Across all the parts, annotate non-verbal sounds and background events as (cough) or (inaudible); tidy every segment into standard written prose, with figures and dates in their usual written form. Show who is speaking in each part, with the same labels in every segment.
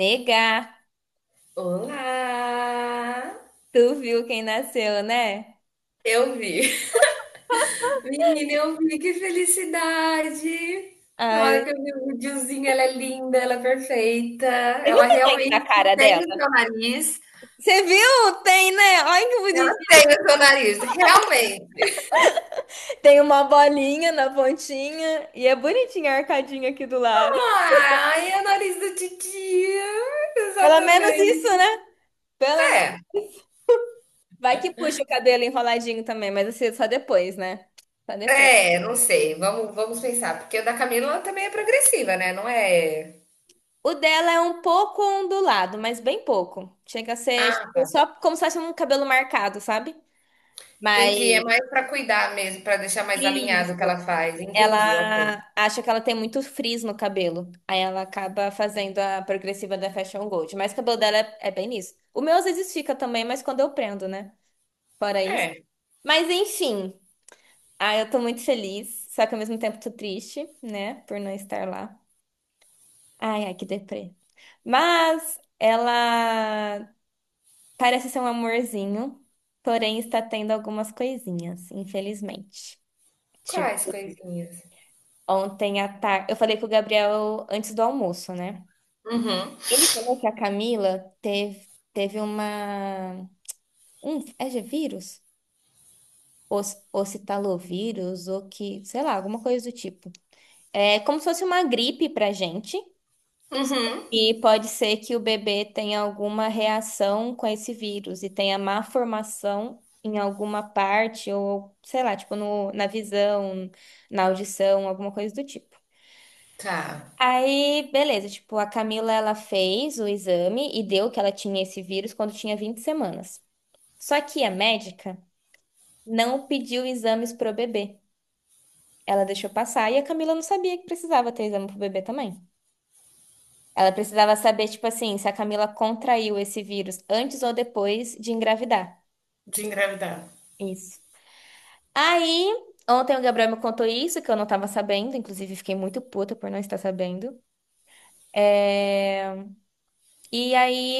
Speaker 1: Negar.
Speaker 2: Olá!
Speaker 1: Tu viu quem nasceu, né?
Speaker 2: Eu vi. Menina, eu vi, que felicidade!
Speaker 1: Ah,
Speaker 2: Na
Speaker 1: eu...
Speaker 2: hora que eu vi o videozinho, ela é linda, ela é perfeita.
Speaker 1: Você viu o
Speaker 2: Ela
Speaker 1: sangue na
Speaker 2: realmente
Speaker 1: cara
Speaker 2: tem o
Speaker 1: dela?
Speaker 2: seu nariz.
Speaker 1: Você viu? Tem, né? Olha que
Speaker 2: Tem
Speaker 1: bonitinho.
Speaker 2: o seu nariz, realmente.
Speaker 1: Tem uma bolinha na pontinha e é bonitinha a arcadinha aqui do lado.
Speaker 2: Ai, é o nariz do titia.
Speaker 1: Pelo menos isso,
Speaker 2: Exatamente.
Speaker 1: né? Pelo menos. Vai que puxa o cabelo enroladinho também, mas assim, só depois, né? Só depois.
Speaker 2: Não sei. Vamos pensar. Porque o da Camila ela também é progressiva, né? Não é.
Speaker 1: O dela é um pouco ondulado, mas bem pouco. Chega a ser
Speaker 2: Ah,
Speaker 1: tipo,
Speaker 2: tá.
Speaker 1: só como se fosse um cabelo marcado, sabe? Mas.
Speaker 2: Entendi. É mais pra cuidar mesmo, pra deixar mais alinhado
Speaker 1: Isso.
Speaker 2: o que ela faz. Entendi, ok.
Speaker 1: Ela acha que ela tem muito frizz no cabelo. Aí ela acaba fazendo a progressiva da Fashion Gold. Mas o cabelo dela é bem nisso. O meu às vezes fica também, mas quando eu prendo, né? Fora isso.
Speaker 2: É.
Speaker 1: Mas enfim. Ah, eu tô muito feliz. Só que ao mesmo tempo tô triste, né? Por não estar lá. Ai, ai, que deprê. Mas ela parece ser um amorzinho. Porém, está tendo algumas coisinhas, infelizmente.
Speaker 2: Quais
Speaker 1: Tipo,
Speaker 2: coisinhas?
Speaker 1: ontem à tarde. Eu falei com o Gabriel antes do almoço, né?
Speaker 2: Uhum,
Speaker 1: Ele falou que a Camila teve uma. Um, é de vírus? Ocitalovírus, ou que, sei lá, alguma coisa do tipo. É como se fosse uma gripe pra gente.
Speaker 2: uhum.
Speaker 1: E pode ser que o bebê tenha alguma reação com esse vírus e tenha má formação em alguma parte, ou sei lá, tipo no, na visão, na audição, alguma coisa do tipo.
Speaker 2: Tá.
Speaker 1: Aí, beleza, tipo, a Camila, ela fez o exame e deu que ela tinha esse vírus quando tinha 20 semanas. Só que a médica não pediu exames pro bebê. Ela deixou passar e a Camila não sabia que precisava ter exame pro bebê também. Ela precisava saber, tipo assim, se a Camila contraiu esse vírus antes ou depois de engravidar.
Speaker 2: De engravidar.
Speaker 1: Isso. Aí, ontem o Gabriel me contou isso, que eu não tava sabendo, inclusive fiquei muito puta por não estar sabendo. É, e aí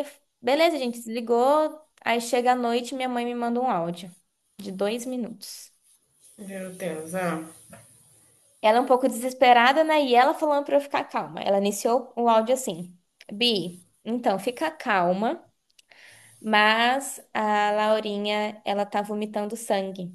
Speaker 1: ele. Beleza, a gente desligou. Aí chega a noite, minha mãe me manda um áudio de 2 minutos.
Speaker 2: Meu Deus, ah.
Speaker 1: Ela é um pouco desesperada, né? E ela falando pra eu ficar calma. Ela iniciou o áudio assim: Bi, então fica calma, mas a Laurinha, ela tá vomitando sangue.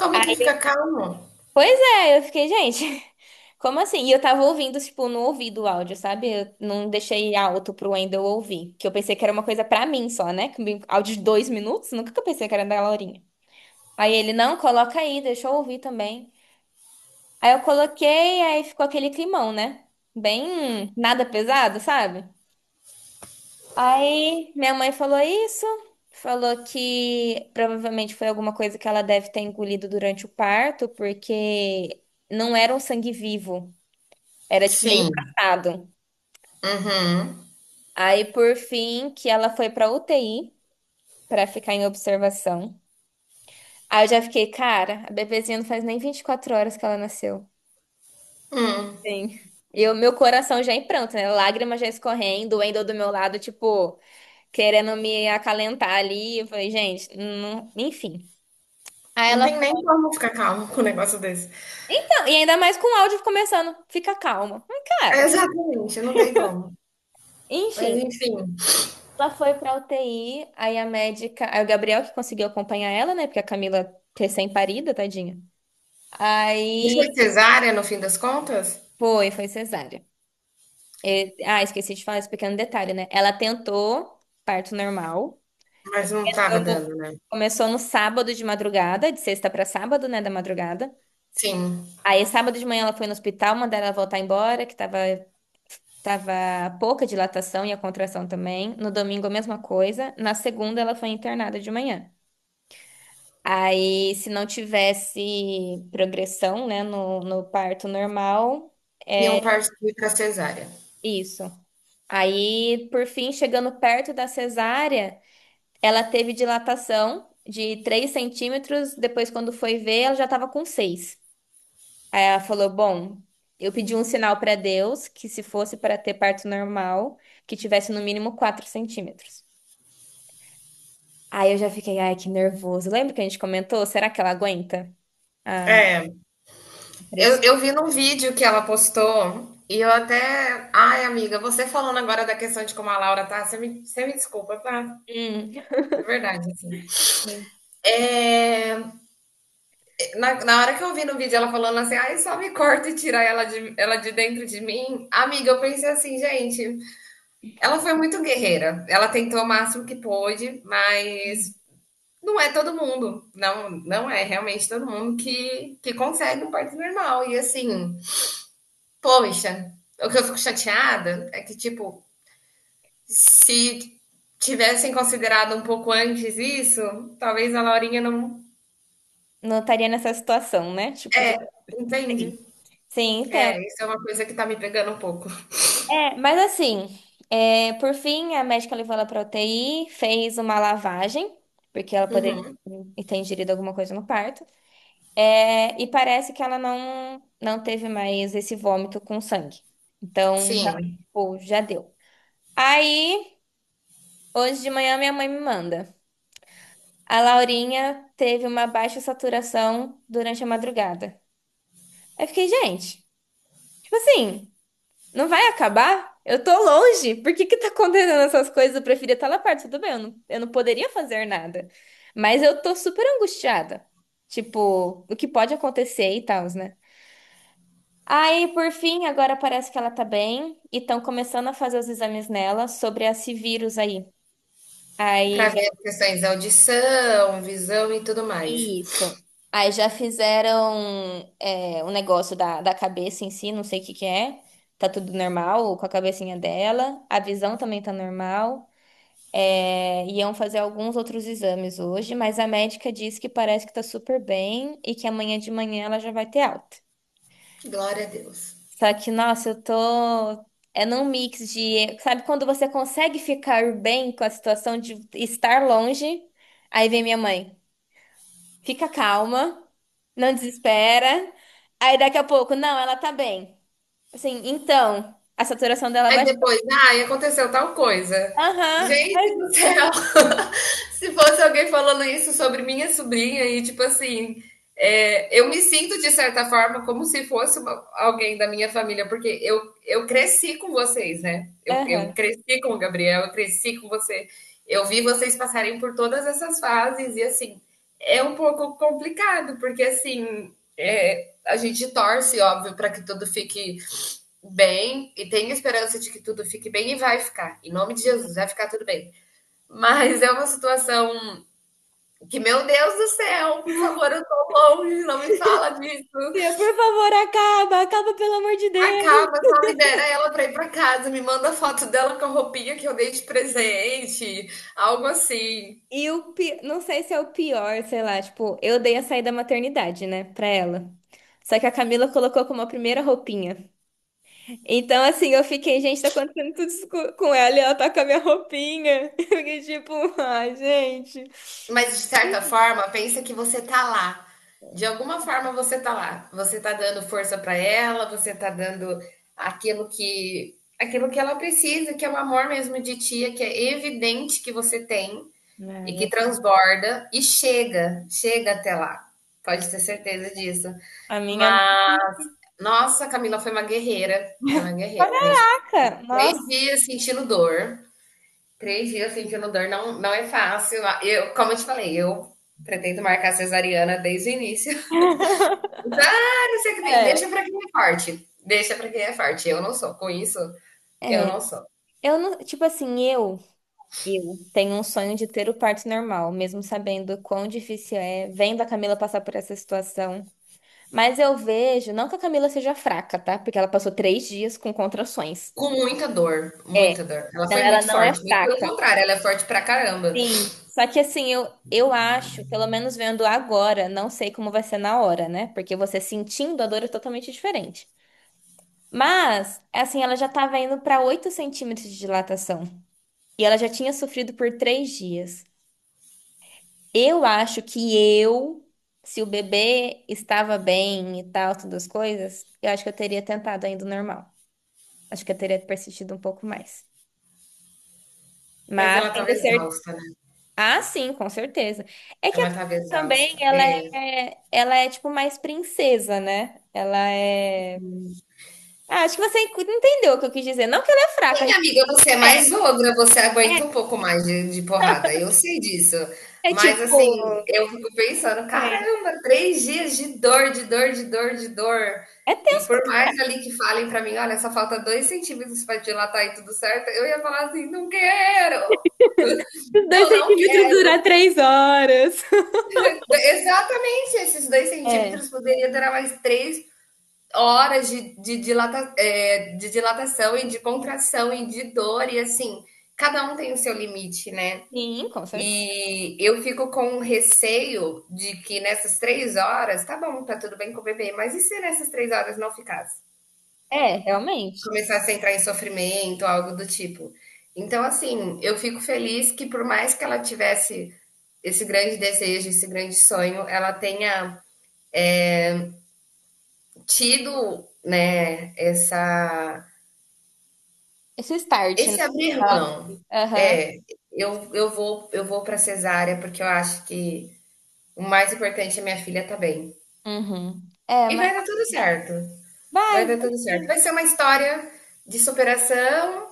Speaker 2: Como que fica calmo?
Speaker 1: Pois é, eu fiquei, gente, (laughs) como assim? E eu tava ouvindo, tipo, no ouvido o áudio, sabe? Eu não deixei alto pro Wendel ouvir, que eu pensei que era uma coisa pra mim só, né? Que um áudio de 2 minutos, nunca que eu pensei que era da Laurinha. Aí ele, não, coloca aí, deixa eu ouvir também. Aí eu coloquei, aí ficou aquele climão, né? Bem nada pesado, sabe? Aí minha mãe falou isso, falou que provavelmente foi alguma coisa que ela deve ter engolido durante o parto, porque não era um sangue vivo, era tipo meio
Speaker 2: Sim.
Speaker 1: passado.
Speaker 2: Uhum.
Speaker 1: Aí por fim que ela foi pra UTI pra ficar em observação. Aí eu já fiquei, cara, a bebezinha não faz nem 24 horas que ela nasceu.
Speaker 2: Hum.
Speaker 1: Sim. E o meu coração já em pranto, né? Lágrimas já escorrendo, o Wendel do meu lado, tipo, querendo me acalentar ali. Eu falei, gente, não... enfim. Aí
Speaker 2: Não
Speaker 1: ela
Speaker 2: tem nem
Speaker 1: foi.
Speaker 2: como ficar calmo com um negócio desse.
Speaker 1: Então, e ainda mais com o áudio começando, fica calma. Mas, cara,
Speaker 2: Exatamente, não tem como. Mas
Speaker 1: enfim.
Speaker 2: enfim.
Speaker 1: Ela foi pra UTI, aí a médica. Aí o Gabriel que conseguiu acompanhar ela, né? Porque a Camila recém-parida, tadinha.
Speaker 2: E
Speaker 1: Aí
Speaker 2: foi cesárea no fim das contas?
Speaker 1: foi, foi cesárea. E- ah, esqueci de falar esse pequeno detalhe, né? Ela tentou parto normal.
Speaker 2: Mas não estava
Speaker 1: Começou,
Speaker 2: dando, né?
Speaker 1: começou no sábado de madrugada, de sexta para sábado, né, da madrugada.
Speaker 2: Sim.
Speaker 1: Aí, sábado de manhã, ela foi no hospital, mandaram ela voltar embora, que tava pouca dilatação e a contração também. No domingo, a mesma coisa. Na segunda, ela foi internada de manhã. Aí, se não tivesse progressão, né, no parto normal,
Speaker 2: Iam
Speaker 1: é
Speaker 2: partir pra cesárea.
Speaker 1: isso. Aí, por fim, chegando perto da cesárea. Ela teve dilatação de 3 centímetros, depois, quando foi ver, ela já estava com seis. Aí ela falou: bom, eu pedi um sinal para Deus que, se fosse para ter parto normal, que tivesse no mínimo 4 centímetros. Aí eu já fiquei, ai, que nervoso. Lembra que a gente comentou? Será que ela aguenta a
Speaker 2: É. Eu,
Speaker 1: pressão?
Speaker 2: eu vi num vídeo que ela postou e eu até. Ai, amiga, você falando agora da questão de como a Laura tá, você me desculpa, tá?
Speaker 1: Hum,
Speaker 2: De verdade, assim. É, na hora que eu vi no vídeo ela falando assim, ai, só me corta e tira ela de dentro de mim, amiga, eu pensei assim, gente, ela foi muito guerreira. Ela tentou o máximo que pôde, mas não é todo mundo. Não, não é realmente todo mundo que consegue um parto normal. E assim, poxa, o que eu fico chateada é que, tipo, se tivessem considerado um pouco antes isso, talvez a Laurinha não
Speaker 1: não estaria nessa situação, né? Tipo, de...
Speaker 2: entende.
Speaker 1: Sim, sim.
Speaker 2: É, isso é uma coisa que tá me pegando um pouco.
Speaker 1: É, mas assim, é, por fim, a médica levou ela para UTI, fez uma lavagem, porque ela poderia
Speaker 2: Uhum.
Speaker 1: ter ingerido alguma coisa no parto. É, e parece que ela não, não teve mais esse vômito com sangue. Então,
Speaker 2: Sim,
Speaker 1: realmente, pô, já deu. Aí, hoje de manhã, minha mãe me manda. A Laurinha teve uma baixa saturação durante a madrugada. Aí eu fiquei, gente, tipo assim. Não vai acabar? Eu tô longe. Por que que tá acontecendo essas coisas? Eu preferia estar lá perto. Tudo bem, eu não poderia fazer nada. Mas eu tô super angustiada. Tipo, o que pode acontecer e tal, né? Aí, por fim, agora parece que ela tá bem e estão começando a fazer os exames nela sobre esse vírus aí. Aí
Speaker 2: pra
Speaker 1: já
Speaker 2: ver as questões da audição, visão e tudo
Speaker 1: é
Speaker 2: mais.
Speaker 1: isso. Aí já fizeram é, o negócio da cabeça em si, não sei o que que é. Tá tudo normal com a cabecinha dela. A visão também tá normal. É, iam fazer alguns outros exames hoje, mas a médica disse que parece que tá super bem e que amanhã de manhã ela já vai ter alta.
Speaker 2: Glória a Deus.
Speaker 1: Só que, nossa, eu tô. É num mix de. Sabe quando você consegue ficar bem com a situação de estar longe? Aí vem minha mãe. Fica calma, não desespera. Aí daqui a pouco, não, ela tá bem. Assim, então, a saturação dela
Speaker 2: Aí
Speaker 1: baixou.
Speaker 2: depois, ai, aconteceu tal coisa.
Speaker 1: Aham,
Speaker 2: Gente do céu! (laughs) Se fosse alguém falando isso sobre minha sobrinha e tipo assim, é, eu me sinto de certa forma como se fosse uma- alguém da minha família, porque eu cresci com vocês, né? Eu
Speaker 1: aham.
Speaker 2: cresci com o Gabriel, eu cresci com você. Eu vi vocês passarem por todas essas fases e assim, é um pouco complicado, porque assim, é, a gente torce, óbvio, para que tudo fique bem e tenho esperança de que tudo fique bem e vai ficar. Em nome de Jesus, vai ficar tudo bem. Mas é uma situação que, meu Deus do céu, por favor, eu tô longe, não me fala
Speaker 1: Tia,
Speaker 2: disso.
Speaker 1: por favor, acaba, acaba, pelo amor de Deus.
Speaker 2: Acaba, só libera ela pra ir pra casa, me manda foto dela com a roupinha que eu dei de presente, algo assim.
Speaker 1: Não sei se é o pior, sei lá, tipo, eu dei a saída maternidade, né, pra ela. Só que a Camila colocou como a primeira roupinha. Então, assim, eu fiquei, gente, tá acontecendo tudo isso com ela e ela tá com a minha roupinha. (laughs) Eu fiquei tipo, ai, gente.
Speaker 2: Mas de certa forma, pensa que você tá lá. De alguma forma você tá lá. Você tá dando força para ela, você tá dando aquilo que ela precisa, que é o amor mesmo de tia, que é evidente que você tem e que
Speaker 1: Ai,
Speaker 2: transborda e chega, chega até lá. Pode ter certeza disso.
Speaker 1: a minha mãe.
Speaker 2: Mas nossa, a Camila foi uma guerreira, gente.
Speaker 1: Caraca,
Speaker 2: Três
Speaker 1: nossa.
Speaker 2: dias sentindo dor, três dias sentindo dor não, não é fácil. Ah, eu, como eu te falei, eu pretendo marcar cesariana desde o início. (laughs) Então, ah, não sei o que tem.
Speaker 1: É.
Speaker 2: Deixa pra quem é forte. Deixa pra quem é forte. Eu não sou. Com isso, eu
Speaker 1: É,
Speaker 2: não sou.
Speaker 1: eu não, tipo assim, eu tenho um sonho de ter o parto normal, mesmo sabendo quão difícil é, vendo a Camila passar por essa situação. Mas eu vejo, não que a Camila seja fraca, tá? Porque ela passou 3 dias com contrações.
Speaker 2: Com muita dor,
Speaker 1: É,
Speaker 2: muita dor. Ela
Speaker 1: não,
Speaker 2: foi
Speaker 1: ela
Speaker 2: muito
Speaker 1: não é
Speaker 2: forte. Muito pelo
Speaker 1: fraca.
Speaker 2: contrário, ela é forte pra caramba.
Speaker 1: Sim. Só que assim, eu acho, pelo menos vendo agora, não sei como vai ser na hora, né? Porque você sentindo a dor é totalmente diferente. Mas, assim, ela já tava indo pra 8 centímetros de dilatação. E ela já tinha sofrido por 3 dias. Eu acho que eu, se o bebê estava bem e tal, todas as coisas, eu acho que eu teria tentado ainda o normal. Acho que eu teria persistido um pouco mais.
Speaker 2: Mas
Speaker 1: Mas
Speaker 2: ela tava
Speaker 1: tendo certeza.
Speaker 2: exausta, né?
Speaker 1: Ah, sim, com certeza. É que a
Speaker 2: Ela tava
Speaker 1: Camila também,
Speaker 2: exausta. É,
Speaker 1: ela é tipo mais princesa, né? Ela é. Ah, acho que você entendeu o que eu quis dizer. Não que ela é fraca,
Speaker 2: sim, amiga, você é
Speaker 1: realmente
Speaker 2: mais ogra, você aguenta um pouco mais de porrada, eu sei disso.
Speaker 1: é, é, é
Speaker 2: Mas assim,
Speaker 1: tipo.
Speaker 2: eu fico pensando,
Speaker 1: Sei.
Speaker 2: caramba, três dias de dor, de dor, de dor, de dor.
Speaker 1: É
Speaker 2: E
Speaker 1: tenso
Speaker 2: por
Speaker 1: pra
Speaker 2: mais ali que falem pra mim, olha, só falta dois centímetros pra dilatar e tudo certo, eu ia falar assim, não quero,
Speaker 1: caralho, dois
Speaker 2: eu não
Speaker 1: centímetros
Speaker 2: quero.
Speaker 1: durar 3 horas. (laughs)
Speaker 2: Exatamente, esses dois
Speaker 1: É,
Speaker 2: centímetros poderia durar mais três horas dilata, é, de dilatação e de contração e de dor, e assim, cada um tem o seu limite, né?
Speaker 1: sim, com certeza.
Speaker 2: E eu fico com receio de que nessas três horas, tá bom, tá tudo bem com o bebê, mas e se nessas três horas não ficasse?
Speaker 1: É, realmente.
Speaker 2: Começasse a entrar em sofrimento, algo do tipo. Então, assim, eu fico feliz que por mais que ela tivesse esse grande desejo, esse grande sonho, ela tenha tido, né, essa,
Speaker 1: Esse start, né?
Speaker 2: esse abrir
Speaker 1: Ela-
Speaker 2: mão.
Speaker 1: aham.
Speaker 2: É, eu vou para cesárea porque eu acho que o mais importante é minha filha tá bem.
Speaker 1: Uhum. É,
Speaker 2: E
Speaker 1: mas
Speaker 2: vai dar tudo certo. Vai
Speaker 1: vai,
Speaker 2: dar
Speaker 1: vai
Speaker 2: tudo certo.
Speaker 1: sim.
Speaker 2: Vai ser uma história de superação,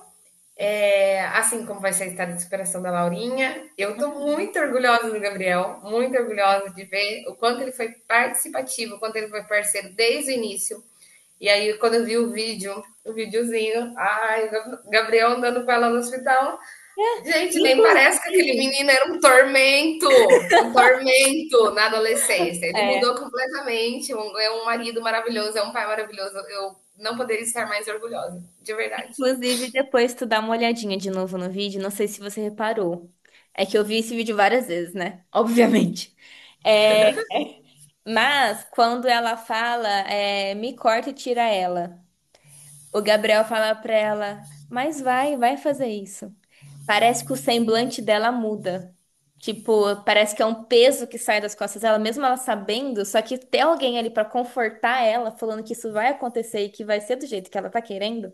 Speaker 2: é, assim como vai ser a história de superação da Laurinha. Eu estou
Speaker 1: Uhum.
Speaker 2: muito orgulhosa do Gabriel, muito orgulhosa de ver o quanto ele foi participativo, o quanto ele foi parceiro desde o início. E aí, quando eu vi o vídeo, o videozinho, ai, Gabriel andando com ela no hospital. Gente, nem parece que aquele
Speaker 1: Inclusive,
Speaker 2: menino era um tormento na adolescência. Ele
Speaker 1: é,
Speaker 2: mudou completamente, é um marido maravilhoso, é um pai maravilhoso. Eu não poderia estar mais orgulhosa, de verdade.
Speaker 1: inclusive depois tu dá uma olhadinha de novo no vídeo, não sei se você reparou. É que eu vi esse vídeo várias vezes, né? (laughs) Obviamente. É, mas quando ela fala, é, me corta e tira ela. O Gabriel fala pra ela, mas vai, vai fazer isso. Parece que o semblante dela muda. Tipo, parece que é um peso que sai das costas dela, mesmo ela sabendo, só que ter alguém ali pra confortar ela, falando que isso vai acontecer e que vai ser do jeito que ela tá querendo,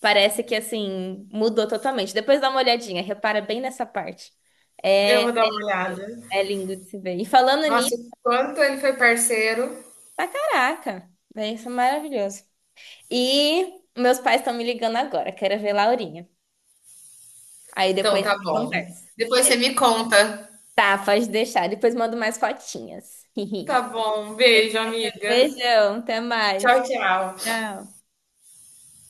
Speaker 1: parece que assim, mudou totalmente. Depois dá uma olhadinha, repara bem nessa parte.
Speaker 2: Eu
Speaker 1: É,
Speaker 2: vou dar uma olhada.
Speaker 1: é lindo de se ver. E falando nisso,
Speaker 2: Nossa, o quanto ele foi parceiro.
Speaker 1: tá caraca, né, isso é maravilhoso. E meus pais estão me ligando agora, quero ver Laurinha. Aí depois
Speaker 2: Então,
Speaker 1: a
Speaker 2: tá
Speaker 1: gente
Speaker 2: bom.
Speaker 1: conversa.
Speaker 2: Depois você me conta.
Speaker 1: Tá, pode deixar. Depois mando mais fotinhas. (laughs)
Speaker 2: Tá bom, beijo, amiga.
Speaker 1: Beijão, até mais.
Speaker 2: Tchau, tchau.
Speaker 1: Tchau.